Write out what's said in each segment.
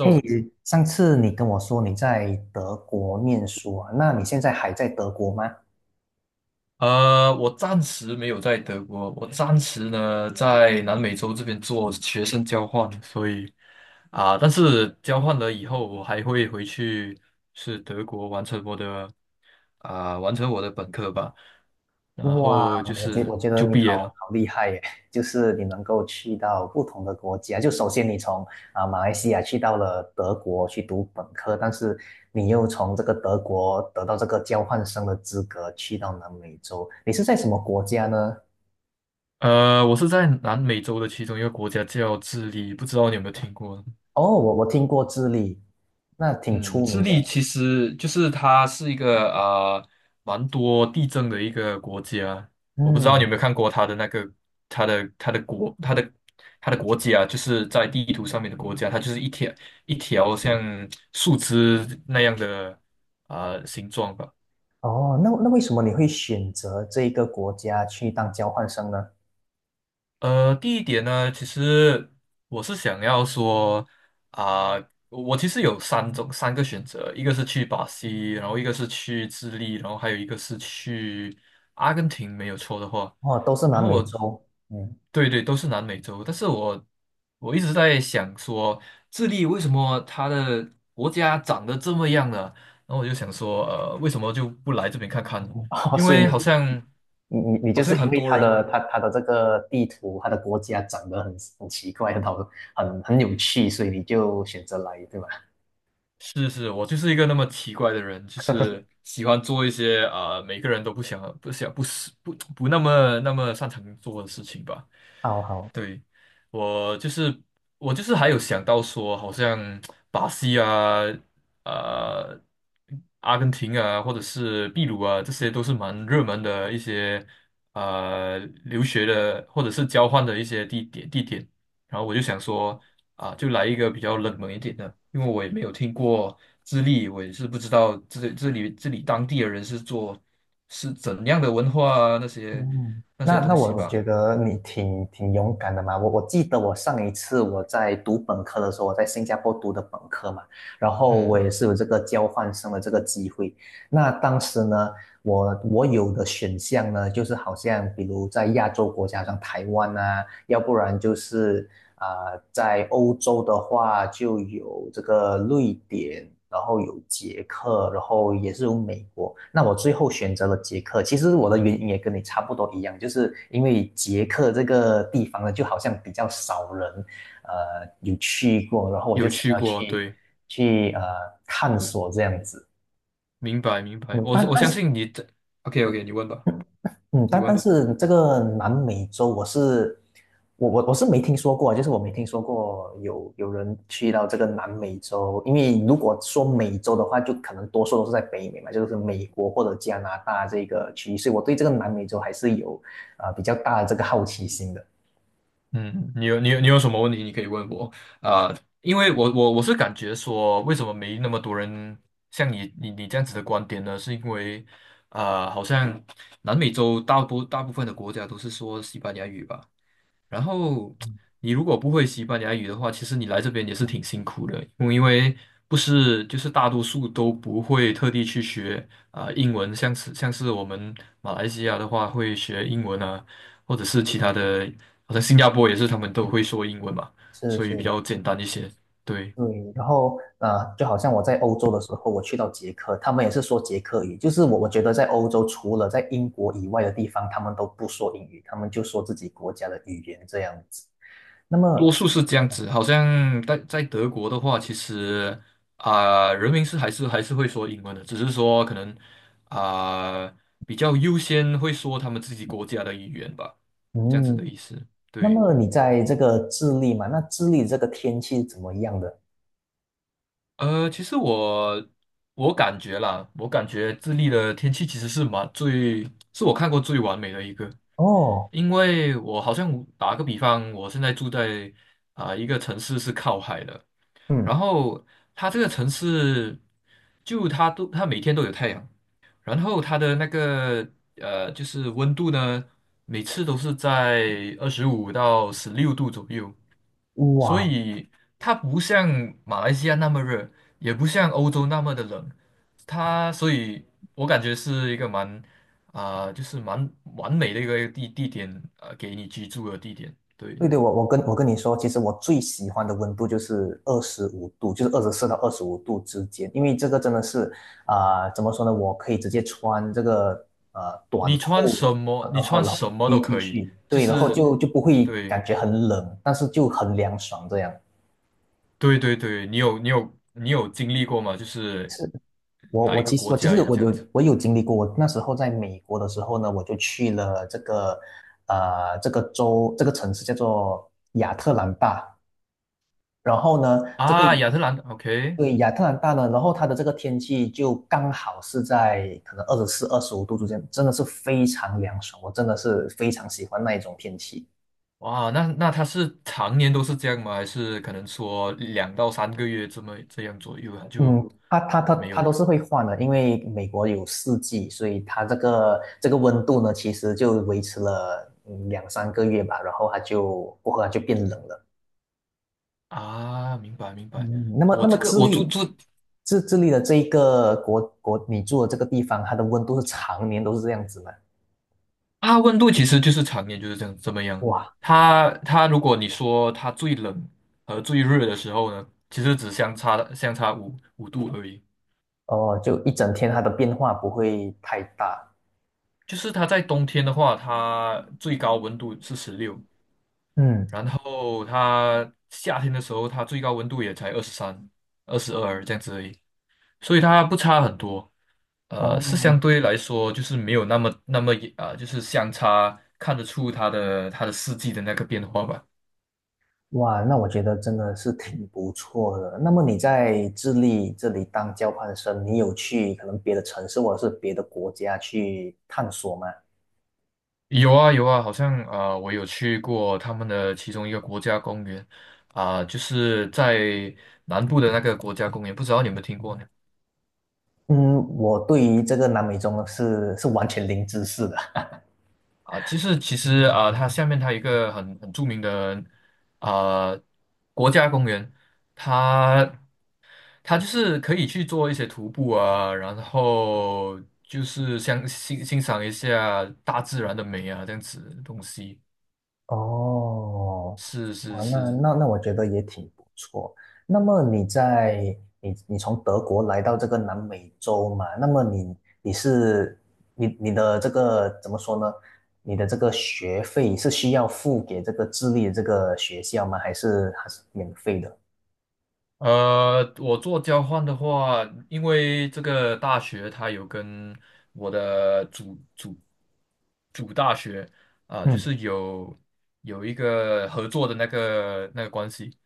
嘿，上次你跟我说你在德国念书啊，那你现在还在德国吗？我暂时没有在德国，我暂时呢在南美洲这边做学生交换，所以但是交换了以后，我还会回去是德国完成我的本科吧，然哇，后就我觉是我觉得就你毕好业了。好厉害耶，就是你能够去到不同的国家。就首先你从马来西亚去到了德国去读本科，但是你又从这个德国得到这个交换生的资格去到南美洲，你是在什么国家呢？我是在南美洲的其中一个国家叫智利，不知道你有没有听过？哦，我听过智利，那挺嗯，出智名利的。其实就是它是一个蛮多地震的一个国家。我不知道你有嗯。没有看过它的那个它的它的国它的它的国家，就是在地图上面的国家，它就是一条像树枝那样的形状吧。哦，那为什么你会选择这一个国家去当交换生呢？第一点呢，其实我是想要说啊、我其实有三个选择，一个是去巴西，然后一个是去智利，然后还有一个是去阿根廷，没有错的话。哦，都是然南后美我，洲，嗯，对对，都是南美洲，但是我一直在想说，智利为什么它的国家长得这么样呢？然后我就想说，为什么就不来这边看看呢？哦，因所以为你是好像你你你就是因很为多它的人。它它的这个地图，它的国家长得很奇怪，很好，很有趣，所以你就选择来，对吧？是是，我就是一个那么奇怪的人，就是喜欢做一些每个人都不想不想不是不不那么那么擅长做的事情吧。好好。对，我就是我就是还有想到说，好像巴西啊、呃、阿根廷啊，或者是秘鲁啊，这些都是蛮热门的一些呃留学的或者是交换的一些地点。然后我就想说就来一个比较冷门一点的，因为我也没有听过智利，我也是不知道这里当地的人是怎样的文化啊那些嗯，那些那东我西我吧。觉得你挺勇敢的嘛。我记得我上一次我在读本科的时候，我在新加坡读的本科嘛，然后我嗯。也是有这个交换生的这个机会。那当时呢，我有的选项呢，就是好像比如在亚洲国家，像台湾啊，要不然就是在欧洲的话就有这个瑞典，然后有捷克，然后也是有美国。那我最后选择了捷克，其实我的原因也跟你差不多一样，就是因为捷克这个地方呢，就好像比较少人，有去过，然后我就有想去要过，去对，去探索这样子。明白明白。嗯，我但我但相是，信你这，OK 嗯 OK，你问吧，嗯，你但问但吧。是这个南美洲我是没听说过，就是我没听说过有有人去到这个南美洲，因为如果说美洲的话，就可能多数都是在北美嘛，就是美国或者加拿大这个区域，所以我对这个南美洲还是有比较大的这个好奇心的。嗯，你有什么问题你可以问我啊，因为我是感觉说，为什么没那么多人像你这样子的观点呢？是因为好像南美洲大部分的国家都是说西班牙语吧。然后嗯，你如果不会西班牙语的话，其实你来这边也是挺辛苦的，因为不是就是大多数都不会特地去学英文，像是我们马来西亚的话会学英文啊，或者是其他的，好像新加坡也是他们都会说英文嘛，是所以比是，较简单一些。对。对，然后就好像我在欧洲的时候，我去到捷克，他们也是说捷克语，就是我觉得在欧洲除了在英国以外的地方，他们都不说英语，他们就说自己国家的语言这样子。那么，多数是这样子，好像在德国的话，其实人民是还是会说英文的，只是说可能啊、比较优先会说他们自己国家的语言吧，这样子的嗯，意思。那对，么你在这个智利嘛，那智利这个天气怎么样的？其实我感觉啦，我感觉智利的天气其实是蛮最，是我看过最完美的一个，哦，因为我好像打个比方，我现在住在一个城市是靠海的。嗯，然后它这个城市，就它每天都有太阳，然后它的那个就是温度呢，每次都是在25到16度左右，所哇，以它不像马来西亚那么热，也不像欧洲那么的冷，它所以我感觉是一个蛮就是蛮完美的一个地点，给你居住的地点。对，对对，我跟你说，其实我最喜欢的温度就是二十五度，就是24到25度之间，因为这个真的是怎么说呢？我可以直接穿这个短你穿裤，什么，然你后穿然后 什么 T 都 T 可以，恤，就对，然后是就不会对。感觉很冷，但是就很凉爽这样。对对对，你有经历过吗？就是是，我哪我一个其实国我其家实有我这样子有我有经历过，我那时候在美国的时候呢，我就去了这个这个州这个城市叫做亚特兰大。然后呢，这个啊？亚特兰， o k， 对亚特兰大呢，然后它的这个天气就刚好是在可能24、25度之间，真的是非常凉爽，我真的是非常喜欢那一种天气。哇，那他是常年都是这样吗？还是可能说2到3个月这样左右啊就嗯，它它它没有它了都是会换的，因为美国有四季，所以它这个温度呢，其实就维持了嗯两三个月吧，然后它就过后它就变冷了。啊？明白明白，嗯，那么我那么这个智我住利，住智智利的这一个国国，你住的这个地方，它的温度是常年都是这样子吗？啊，温度其实就是常年就是这样。哇，它如果你说它最冷和最热的时候呢，其实只相差五度而已。哦，就一整天它的变化不会太大。就是它在冬天的话，它最高温度是十六，嗯，然后它夏天的时候，它最高温度也才23、22这样子而已，所以它不差很多。是相哦，对来说就是没有那么就是相差看得出它的四季的那个变化吧。哇，那我觉得真的是挺不错的。那么你在智利这里当交换生，你有去可能别的城市或者是别的国家去探索吗？有啊有啊，好像我有去过他们的其中一个国家公园就是在南部的那个国家公园，不知道你有没有听过呢？嗯，我对于这个南美洲呢是是完全零知识的。啊，其实啊，它下面它有一个很著名的啊国家公园，它它就是可以去做一些徒步啊，然后就是像赏一下大自然的美啊，这样子的东西。哦，是是哇，那是，那那我觉得也挺不错。那么你在你你从德国来到这个南美洲嘛？那么你你是你你的这个怎么说呢？你的这个学费是需要付给这个智利的这个学校吗？还是还是免费的？我做交换的话，因为这个大学它有跟我的主大学就嗯。是有一个合作的那个关系，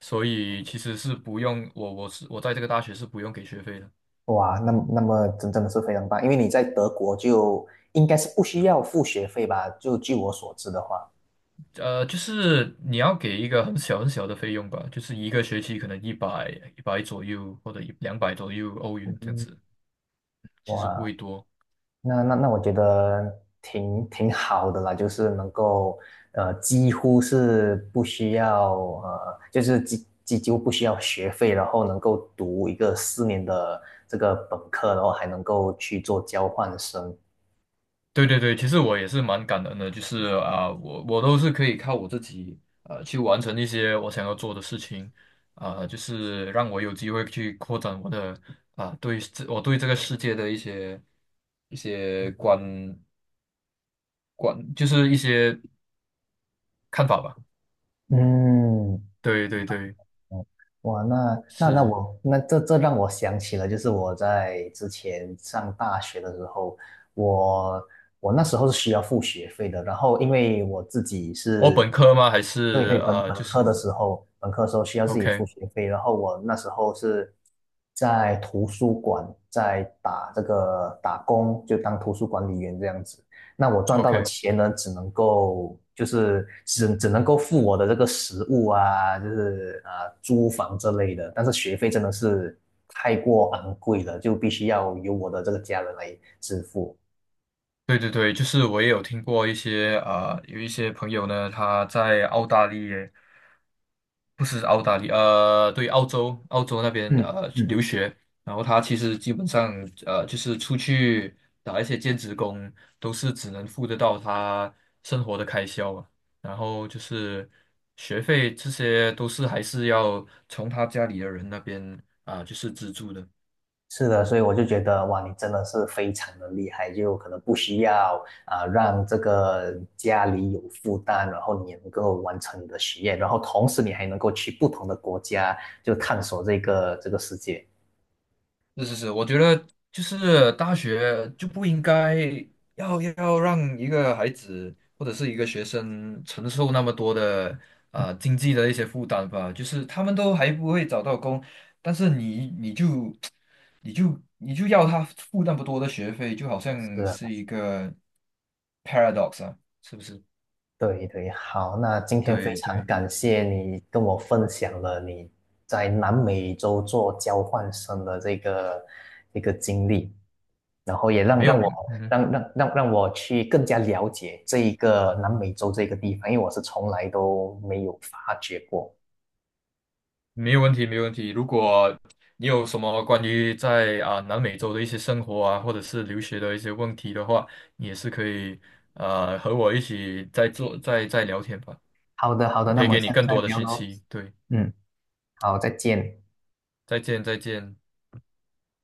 所以其实是不用我我是我在这个大学是不用给学费的，哇，那么真真的是非常棒，因为你在德国就应该是不需要付学费吧？就据我所知的话，就是你要给一个很小很小的费用吧，就是一个学期可能一百左右或者一两百左右欧元这样嗯，子，其实不哇，会多。那我觉得挺好的啦，就是能够几乎是不需要几乎不需要学费，然后能够读一个4年的这个本科，然后还能够去做交换生。对对对，其实我也是蛮感恩的，就是我都是可以靠我自己去完成一些我想要做的事情，就是让我有机会去扩展我的啊、对这我对这个世界的一些就是一些看法吧。嗯，对对对，哦，哇，那那那是我那这这让我想起了，就是我在之前上大学的时候，我我那时候是需要付学费的，然后因为我自己我是，本科吗？还对对，是本啊，本就科是 的时候，本科的时候需要自己付 OK 学费，然后我那时候是在图书馆在打这个打工，就当图书管理员这样子。那我赚到的 OK。钱呢，只能够付我的这个食物啊，就是啊租房这类的，但是学费真的是太过昂贵了，就必须要由我的这个家人来支付。对对对，就是我也有听过一些有一些朋友呢，他在澳大利亚，不是澳大利亚，对，澳洲，那边嗯嗯，留学，然后他其实基本上就是出去打一些兼职工，都是只能付得到他生活的开销啊，然后就是学费这些都是还是要从他家里的人那边就是资助的。是的，所以我就觉得哇，你真的是非常的厉害，就可能不需要啊让这个家里有负担，然后你也能够完成你的学业，然后同时你还能够去不同的国家就探索这个世界。是是是，我觉得就是大学就不应该要让一个孩子或者是一个学生承受那么多的经济的一些负担吧。就是他们都还不会找到工，但是你就要他付那么多的学费，就好是像啊，是一个 paradox 啊，是不是？对对，好，那今天非对常对，感谢你跟我分享了你在南美洲做交换生的这个一个经历，然后也让没让有，我嗯哼，让让让让我去更加了解这一个南美洲这个地方，因为我是从来都没有发觉过。没有问题，没有问题。如果你有什么关于在南美洲的一些生活啊，或者是留学的一些问题的话，你也是可以和我一起再做再再聊天吧。好的，好我的，那可以么给你下次更再多的聊信喽。息。对，嗯，好，再见。再见，再见。